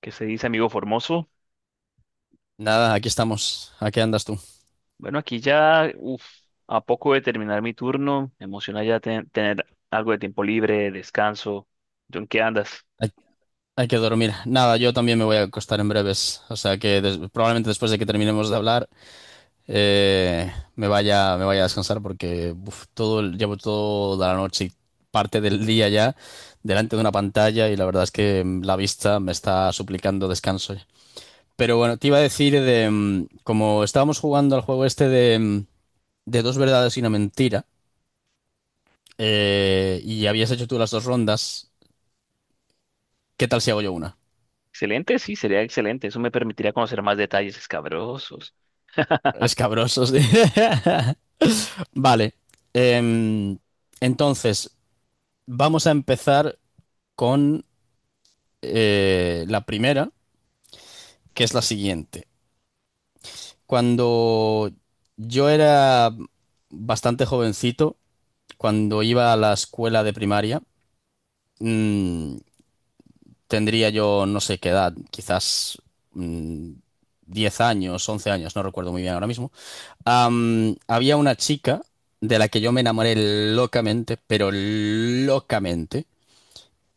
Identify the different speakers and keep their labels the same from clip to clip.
Speaker 1: ¿Qué se dice, amigo Formoso?
Speaker 2: Nada, aquí estamos. ¿A qué andas tú?
Speaker 1: Bueno, aquí ya, uf, a poco de terminar mi turno, me emociona ya tener algo de tiempo libre, descanso. ¿Tú en qué andas?
Speaker 2: Hay, hay que dormir. Nada, yo también me voy a acostar en breves. O sea que des- probablemente después de que terminemos de hablar, me vaya a descansar porque uf, todo, el- llevo toda la noche y parte del día ya delante de una pantalla y la verdad es que la vista me está suplicando descanso. Ya. Pero bueno, te iba a decir de como estábamos jugando al juego este de, de 2 verdades y 1 mentira, y habías hecho tú las 2 rondas, ¿qué tal si hago yo una?
Speaker 1: Excelente, sí, sería excelente. Eso me permitiría conocer más detalles escabrosos.
Speaker 2: Escabrosos. Sí. Vale. em, entonces, vamos a empezar con la primera, que es la siguiente. Cuando yo era bastante jovencito, cuando iba a la escuela de primaria, mm, tendría yo no sé qué edad, quizás mm, 10 años, 11 años, no recuerdo muy bien ahora mismo. Había una chica de la que yo me enamoré locamente, pero locamente.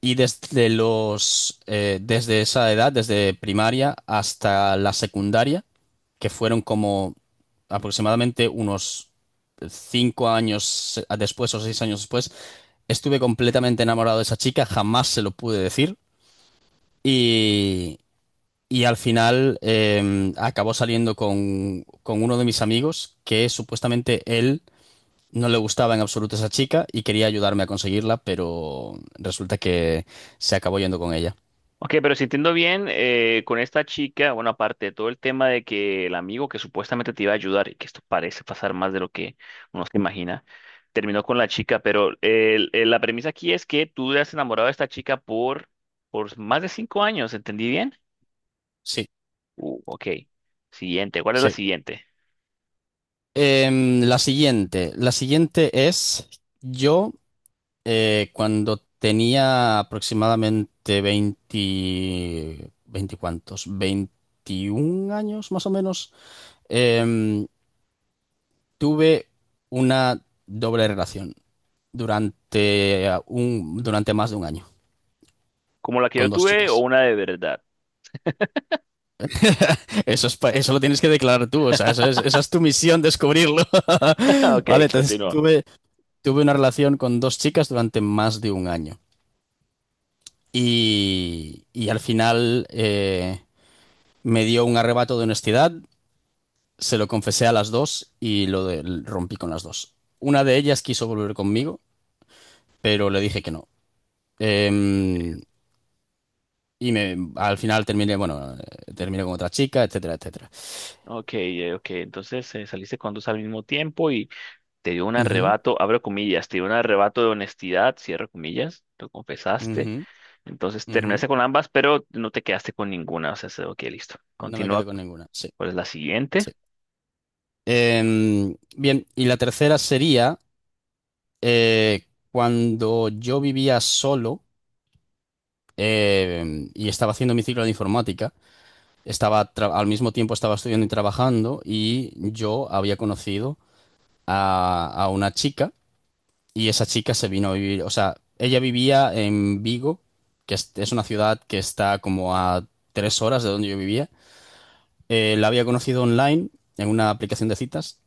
Speaker 2: Y desde los, desde esa edad, desde primaria hasta la secundaria, que fueron como aproximadamente unos 5 años después o 6 años después, estuve completamente enamorado de esa chica, jamás se lo pude decir. Y, y al final, acabó saliendo con uno de mis amigos que supuestamente él no le gustaba en absoluto esa chica y quería ayudarme a conseguirla, pero resulta que se acabó yendo con ella.
Speaker 1: Ok, pero si entiendo bien, con esta chica, bueno, aparte de todo el tema de que el amigo que supuestamente te iba a ayudar, y que esto parece pasar más de lo que uno se imagina, terminó con la chica, pero la premisa aquí es que tú te has enamorado de esta chica por más de 5 años, ¿entendí bien?
Speaker 2: Sí,
Speaker 1: Ok. Siguiente. ¿Cuál es la
Speaker 2: sí.
Speaker 1: siguiente?
Speaker 2: La siguiente es yo, cuando tenía aproximadamente 20, 20 cuántos, 21 años más o menos, em, tuve una doble relación durante, durante más de 1 año
Speaker 1: ¿Como la que yo
Speaker 2: con dos
Speaker 1: tuve o
Speaker 2: chicas.
Speaker 1: una de verdad?
Speaker 2: Eso es, pa- eso lo tienes que declarar tú, o sea, eso es, esa es tu misión, descubrirlo.
Speaker 1: Ok,
Speaker 2: Vale, entonces
Speaker 1: continúa.
Speaker 2: tuve, tuve una relación con 2 chicas durante más de 1 año. Y, y al final, me dio un arrebato de honestidad, se lo confesé a las dos y lo de- rompí con las dos. Una de ellas quiso volver conmigo, pero le dije que no. Em, y me, al final terminé, bueno, terminé con otra chica, etcétera, etcétera.
Speaker 1: Ok, ok. Entonces saliste con dos al mismo tiempo y te dio un
Speaker 2: Ujú,
Speaker 1: arrebato, abro comillas, te dio un arrebato de honestidad, cierro comillas, lo confesaste.
Speaker 2: ujú,
Speaker 1: Entonces
Speaker 2: ujú.
Speaker 1: terminaste con ambas, pero no te quedaste con ninguna. O sea, ok, listo.
Speaker 2: No me
Speaker 1: Continúa.
Speaker 2: quedo con ninguna. Sí,
Speaker 1: ¿Cuál es la siguiente?
Speaker 2: sí. Bien, y la tercera sería eh, cuando yo vivía solo y estaba haciendo mi ciclo de informática, estaba tra- al mismo tiempo estaba estudiando y trabajando y yo había conocido a una chica. Y esa chica se vino a vivir, o sea, ella vivía en Vigo, que es una ciudad que está como a 3 horas de donde yo vivía. La había conocido online en una aplicación de citas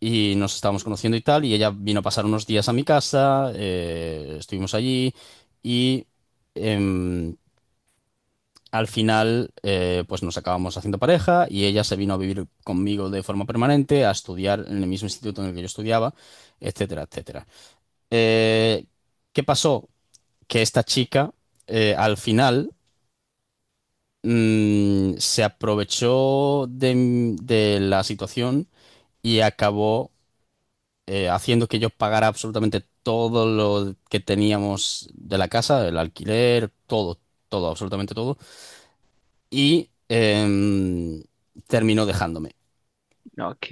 Speaker 2: y nos estábamos conociendo y tal, y ella vino a pasar unos días a mi casa, estuvimos allí y em, al final pues nos acabamos haciendo pareja y ella se vino a vivir conmigo de forma permanente, a estudiar en el mismo instituto en el que yo estudiaba, etcétera, etcétera. Eh, ¿Qué pasó? Que esta chica al final se aprovechó de, m- de la situación y acabó haciendo que yo pagara absolutamente todo lo que teníamos de la casa, el alquiler, todo, todo, absolutamente todo, y terminó dejándome.
Speaker 1: Ok,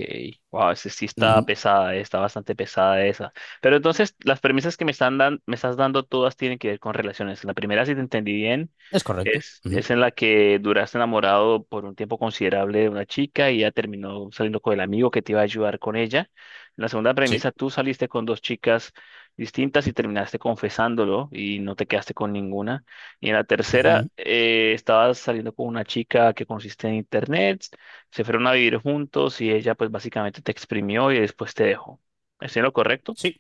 Speaker 1: wow, ese sí está
Speaker 2: Ujú.
Speaker 1: pesada, está bastante pesada esa. Pero entonces, las premisas que me estás dando todas tienen que ver con relaciones. La primera, si te entendí bien,
Speaker 2: Es correcto.
Speaker 1: es,
Speaker 2: Ujú.
Speaker 1: es en la que duraste enamorado por un tiempo considerable de una chica y ya terminó saliendo con el amigo que te iba a ayudar con ella. La segunda
Speaker 2: Sí.
Speaker 1: premisa, tú saliste con dos chicas distintas y terminaste confesándolo y no te quedaste con ninguna. Y en la tercera,
Speaker 2: Ujú.
Speaker 1: estabas saliendo con una chica que consiste en internet. Se fueron a vivir juntos y ella pues básicamente te exprimió y después te dejó. ¿Estoy en lo correcto?
Speaker 2: Sí,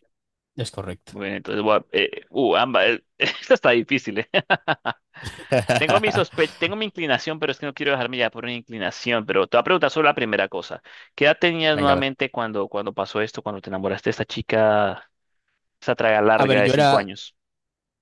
Speaker 2: es correcto.
Speaker 1: Bueno, entonces ambas, esta está difícil, eh. Tengo mi sospe tengo mi inclinación, pero es que no quiero dejarme ya por una inclinación, pero te voy a preguntar sobre la primera cosa. ¿Qué edad tenías
Speaker 2: Venga, a ver.
Speaker 1: nuevamente cuando pasó esto, cuando te enamoraste de esta chica, esa traga
Speaker 2: A
Speaker 1: larga
Speaker 2: ver,
Speaker 1: de
Speaker 2: yo
Speaker 1: cinco
Speaker 2: era,
Speaker 1: años?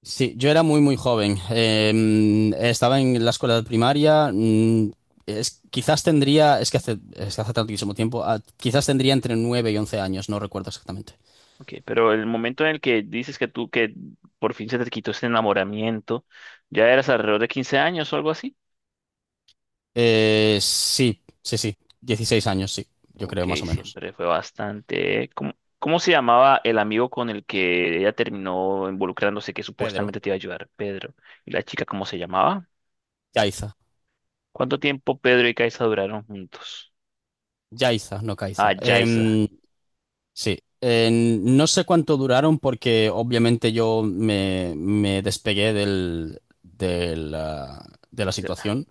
Speaker 2: sí, yo era muy, muy joven. Estaba en la escuela primaria. Es- quizás tendría, es que hace tantísimo tiempo, ah, quizás tendría entre 9 y 11 años, no recuerdo exactamente.
Speaker 1: Ok, pero el momento en el que dices que tú que por fin se te quitó ese enamoramiento, ¿ya eras alrededor de 15 años o algo así?
Speaker 2: Sí, sí, sí, 16 años, sí, yo
Speaker 1: Ok,
Speaker 2: creo más o menos.
Speaker 1: siempre fue bastante. ¿Cómo se llamaba el amigo con el que ella terminó involucrándose que
Speaker 2: Pedro.
Speaker 1: supuestamente te iba a ayudar? Pedro. ¿Y la chica cómo se llamaba?
Speaker 2: Yaiza.
Speaker 1: ¿Cuánto tiempo Pedro y Kaisa duraron juntos?
Speaker 2: Yaiza, no
Speaker 1: Ah,
Speaker 2: Caiza.
Speaker 1: Yaisa.
Speaker 2: Sí, en- no sé cuánto duraron porque obviamente yo me, me despegué del, del, de la situación.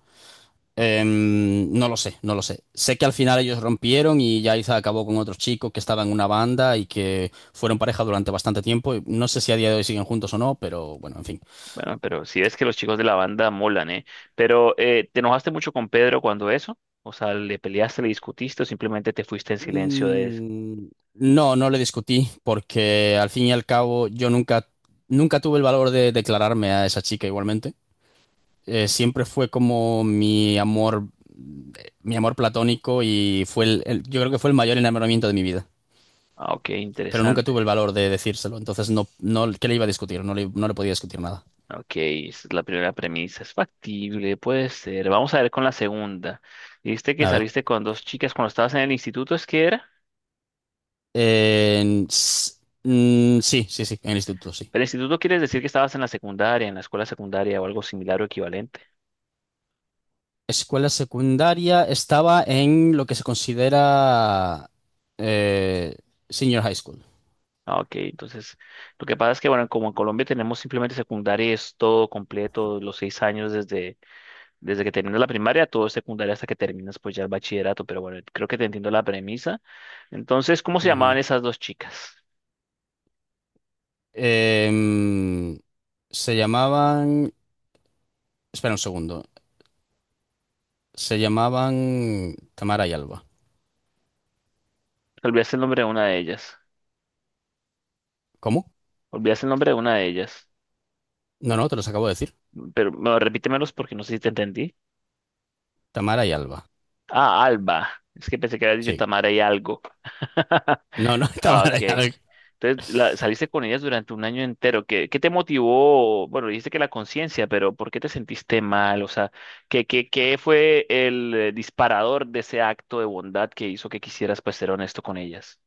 Speaker 2: No lo sé, no lo sé. Sé que al final ellos rompieron y Yaiza acabó con otros chicos que estaban en una banda y que fueron pareja durante bastante tiempo. Y no sé si a día de hoy siguen juntos o no, pero bueno, en fin.
Speaker 1: Bueno, pero si ves que los chicos de la banda molan, ¿eh? Pero, ¿te enojaste mucho con Pedro cuando eso? O sea, ¿le peleaste, le discutiste o simplemente te fuiste en silencio de eso?
Speaker 2: Mm, no, no le discutí porque al fin y al cabo yo nunca, nunca tuve el valor de declararme a esa chica igualmente. Siempre fue como mi amor platónico y fue el- yo creo que fue el mayor enamoramiento de mi vida.
Speaker 1: Ah, ok,
Speaker 2: Pero nunca
Speaker 1: interesante.
Speaker 2: tuve el valor de decírselo. Entonces, no, no, ¿qué le iba a discutir? No le, no le podía discutir nada.
Speaker 1: Ok, esa es la primera premisa. Es factible, puede ser. Vamos a ver con la segunda. Dijiste que
Speaker 2: A ver.
Speaker 1: saliste con dos chicas cuando estabas en el instituto, ¿es que era?
Speaker 2: Eh, s- sí, sí, sí, en el instituto, sí.
Speaker 1: El instituto quiere decir que estabas en la secundaria, en la escuela secundaria o algo similar o equivalente.
Speaker 2: Escuela secundaria estaba en lo que se considera eh, senior high school.
Speaker 1: Ah, ok, entonces lo que pasa es que, bueno, como en Colombia tenemos simplemente secundaria, y es todo completo, los 6 años desde que terminas la primaria, todo es secundaria hasta que terminas pues ya el bachillerato, pero bueno, creo que te entiendo la premisa. Entonces, ¿cómo se llamaban
Speaker 2: Ujú.
Speaker 1: esas dos chicas?
Speaker 2: Em, se llamaban... Espera un segundo. Se llamaban Tamara y Alba.
Speaker 1: Te olvidaste el nombre de una de ellas.
Speaker 2: ¿Cómo?
Speaker 1: Olvidaste el nombre de una de ellas.
Speaker 2: No, no, te los acabo de decir.
Speaker 1: Pero no, repítemelos porque no sé si te entendí.
Speaker 2: Tamara y Alba.
Speaker 1: Ah, Alba. Es que pensé que habías dicho
Speaker 2: Sí.
Speaker 1: Tamara y algo.
Speaker 2: No, no,
Speaker 1: Ah,
Speaker 2: Tamara
Speaker 1: ok.
Speaker 2: y Alba.
Speaker 1: Entonces, saliste con ellas durante un año entero. ¿Qué te motivó? Bueno, dijiste que la conciencia, pero ¿por qué te sentiste mal? O sea, ¿qué fue el disparador de ese acto de bondad que hizo que quisieras, pues, ser honesto con ellas?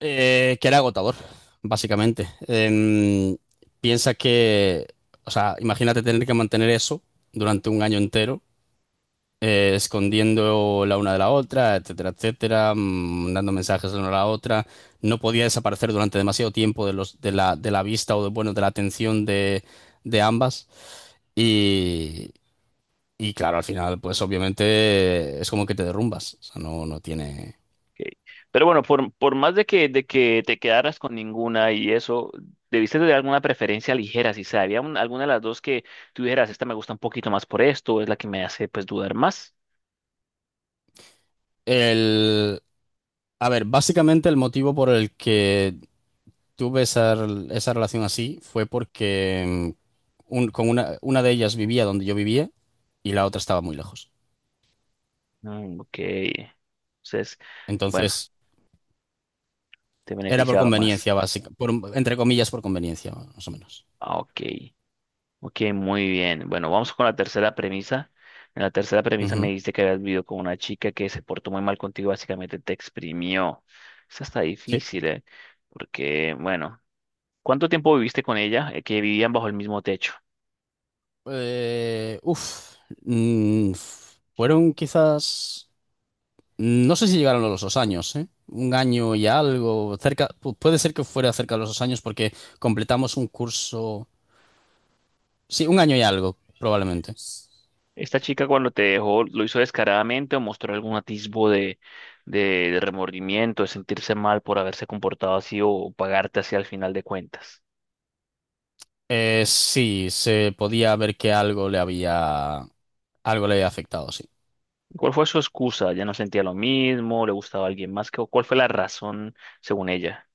Speaker 2: Que era agotador, básicamente. Piensa que, o sea, imagínate tener que mantener eso durante 1 año entero, escondiendo la una de la otra, etcétera, etcétera, dando mensajes la una a la otra. No podía desaparecer durante demasiado tiempo de los, de la vista o de, bueno, de la atención de ambas. Y, y claro, al final, pues obviamente es como que te derrumbas. O sea, no, no tiene.
Speaker 1: Ok. Pero bueno, por más de que te quedaras con ninguna y eso, debiste de alguna preferencia ligera, si sabía había alguna de las dos que tú dijeras, esta me gusta un poquito más por esto, es la que me hace pues dudar más.
Speaker 2: El, a ver, básicamente el motivo por el que tuve esa, rel- esa relación así fue porque un- con una de ellas vivía donde yo vivía y la otra estaba muy lejos.
Speaker 1: Mm, ok. Entonces, bueno,
Speaker 2: Entonces,
Speaker 1: te
Speaker 2: era por
Speaker 1: beneficiaba más.
Speaker 2: conveniencia básica, por, entre comillas, por conveniencia, más o menos.
Speaker 1: Ah, ok. Ok, muy bien. Bueno, vamos con la tercera premisa. En la tercera premisa me
Speaker 2: Ujú.
Speaker 1: dijiste que habías vivido con una chica que se portó muy mal contigo, básicamente te exprimió. Esa está
Speaker 2: Sí.
Speaker 1: difícil, ¿eh? Porque, bueno. ¿Cuánto tiempo viviste con ella, que vivían bajo el mismo techo?
Speaker 2: Eh, uf, f- fueron quizás, no sé si llegaron a los 2 años, ¿eh? Un año y algo, cerca, pu- puede ser que fuera cerca de los 2 años porque completamos un curso, sí, 1 año y algo, probablemente.
Speaker 1: ¿Esta chica cuando te dejó lo hizo descaradamente o mostró algún atisbo de remordimiento, de sentirse mal por haberse comportado así o pagarte así al final de cuentas?
Speaker 2: Sí, se podía ver que algo le había afectado, sí.
Speaker 1: ¿Cuál fue su excusa? ¿Ya no sentía lo mismo? ¿Le gustaba alguien más? ¿Cuál fue la razón según ella?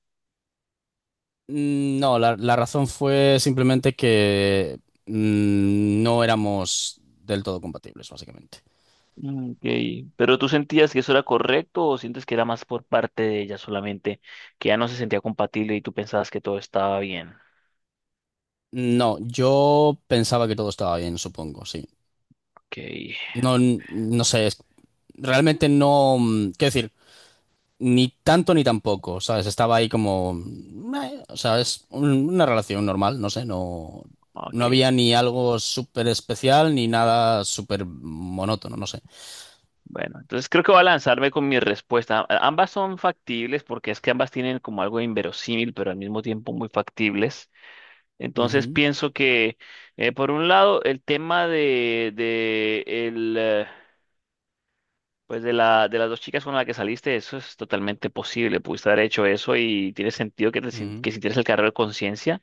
Speaker 2: No, la razón fue simplemente que no éramos del todo compatibles, básicamente.
Speaker 1: Mm, ok. ¿Pero tú sentías que eso era correcto o sientes que era más por parte de ella solamente, que ya no se sentía compatible y tú pensabas que todo estaba bien?
Speaker 2: No, yo pensaba que todo estaba bien, supongo, sí.
Speaker 1: Ok,
Speaker 2: No, no sé, es- realmente no, quiero decir, ni tanto ni tampoco, ¿sabes? Estaba ahí como... o sea, es un- una relación normal, no sé, no... No
Speaker 1: ok.
Speaker 2: había ni algo súper especial ni nada súper monótono, no sé.
Speaker 1: Bueno, entonces creo que voy a lanzarme con mi respuesta. Ambas son factibles porque es que ambas tienen como algo inverosímil, pero al mismo tiempo muy factibles. Entonces
Speaker 2: Ujú,
Speaker 1: pienso que, por un lado, el tema pues de las dos chicas con las que saliste, eso es totalmente posible. Pudiste haber hecho eso y tiene sentido que, te sin-
Speaker 2: ujú,
Speaker 1: que sintieras el cargo de conciencia.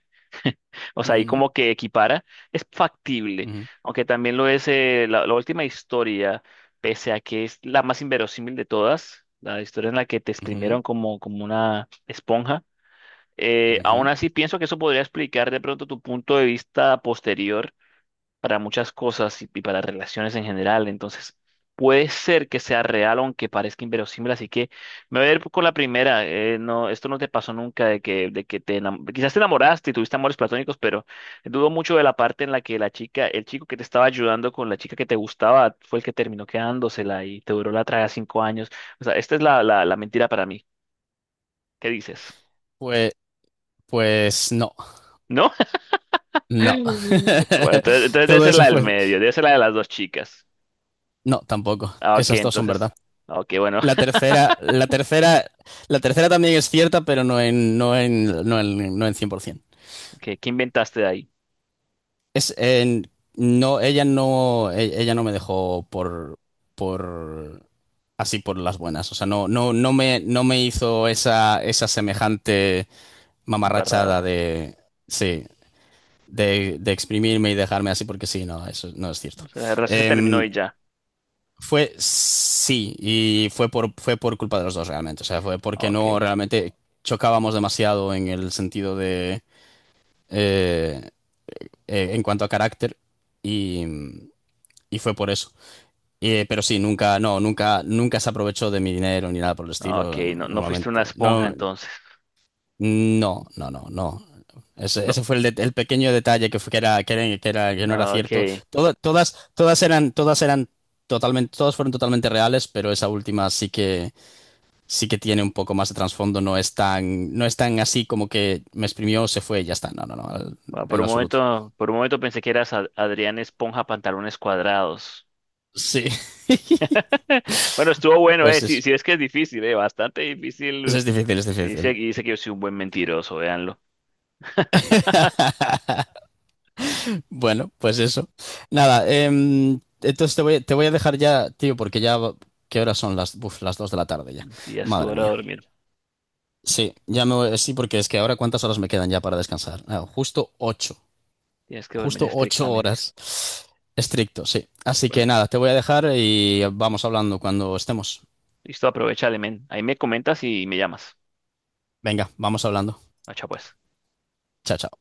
Speaker 1: O sea, ahí como que equipara, es factible,
Speaker 2: ujú,
Speaker 1: aunque también lo es la última historia, pese a que es la más inverosímil de todas, la historia en la que te
Speaker 2: ujú,
Speaker 1: exprimieron como una esponja.
Speaker 2: ujú,
Speaker 1: Aún
Speaker 2: ujú.
Speaker 1: así, pienso que eso podría explicar de pronto tu punto de vista posterior para muchas cosas y para relaciones en general. Entonces, puede ser que sea real, aunque parezca inverosímil. Así que me voy a ir con la primera. No, esto no te pasó nunca de que quizás te enamoraste y tuviste amores platónicos, pero dudo mucho de la parte en la que la chica, el chico que te estaba ayudando con la chica que te gustaba, fue el que terminó quedándosela y te duró la traga 5 años. O sea, esta es la mentira para mí. ¿Qué dices?
Speaker 2: Pues, pues no,
Speaker 1: ¿No?
Speaker 2: no.
Speaker 1: Bueno, entonces, entonces debe
Speaker 2: Todo
Speaker 1: ser
Speaker 2: eso
Speaker 1: la del
Speaker 2: fue...
Speaker 1: medio, debe ser la de las dos chicas.
Speaker 2: No, tampoco.
Speaker 1: Ah, ok,
Speaker 2: Esas dos son
Speaker 1: entonces.
Speaker 2: verdad.
Speaker 1: Ah, ok, bueno.
Speaker 2: La tercera, la tercera, la tercera también es cierta, pero no en 100%.
Speaker 1: ¿Qué inventaste de ahí?
Speaker 2: Es, en- no, ella no, e- ella no me dejó por así por las buenas. O sea, no, no, no me, no me hizo esa, esa semejante mamarrachada
Speaker 1: Embarrada.
Speaker 2: de, sí, de exprimirme y dejarme así porque sí, no, eso no es cierto.
Speaker 1: O sea, el resto se terminó
Speaker 2: Em,
Speaker 1: y ya.
Speaker 2: fue sí y fue por, fue por culpa de los dos realmente. O sea, fue
Speaker 1: No,
Speaker 2: porque no
Speaker 1: ok.
Speaker 2: realmente chocábamos demasiado en el sentido de eh, en cuanto a carácter y y fue por eso. Pero sí, nunca, no, nunca, nunca se aprovechó de mi dinero ni nada por el
Speaker 1: No, ok,
Speaker 2: estilo,
Speaker 1: no, no fuiste una
Speaker 2: normalmente.
Speaker 1: esponja
Speaker 2: No,
Speaker 1: entonces.
Speaker 2: no, no, no, no. Ese,
Speaker 1: No.
Speaker 2: ese fue el, de- el pequeño detalle que fue, que era, que era, que era- que no era
Speaker 1: No,
Speaker 2: cierto.
Speaker 1: ok.
Speaker 2: Toda- todas, todas eran totalmente, todas fueron totalmente reales, pero esa última sí que tiene un poco más de trasfondo. No es tan, no es tan así como que me exprimió, se fue y ya está. No, no, no,
Speaker 1: Bueno,
Speaker 2: en
Speaker 1: por
Speaker 2: lo
Speaker 1: un
Speaker 2: absoluto.
Speaker 1: momento, por un momento pensé que eras Adrián Esponja Pantalones Cuadrados.
Speaker 2: Sí,
Speaker 1: Bueno, estuvo bueno, eh.
Speaker 2: pues
Speaker 1: Sí, sí, es que es difícil, eh. Bastante difícil.
Speaker 2: es difícil, es
Speaker 1: Dice,
Speaker 2: difícil.
Speaker 1: dice que yo soy un buen mentiroso, véanlo.
Speaker 2: Bueno, pues eso. Nada, entonces te voy a dejar ya, tío, porque ya, va- ¿qué horas son las, uf, las 2 de la tarde ya?
Speaker 1: Sí, ya estuvo
Speaker 2: Madre
Speaker 1: hora de
Speaker 2: mía.
Speaker 1: dormir.
Speaker 2: Sí, ya me voy, sí, porque es que ahora cuántas horas me quedan ya para descansar. Ah, justo 8
Speaker 1: Tienes que dormir
Speaker 2: justo 8
Speaker 1: estrictamente.
Speaker 2: horas. Estricto, sí. Así que
Speaker 1: Bueno,
Speaker 2: nada, te voy a dejar y vamos hablando cuando estemos.
Speaker 1: listo, aprovecha, men. Ahí me comentas y me llamas.
Speaker 2: Venga, vamos hablando.
Speaker 1: Macha, pues.
Speaker 2: Chao, chao.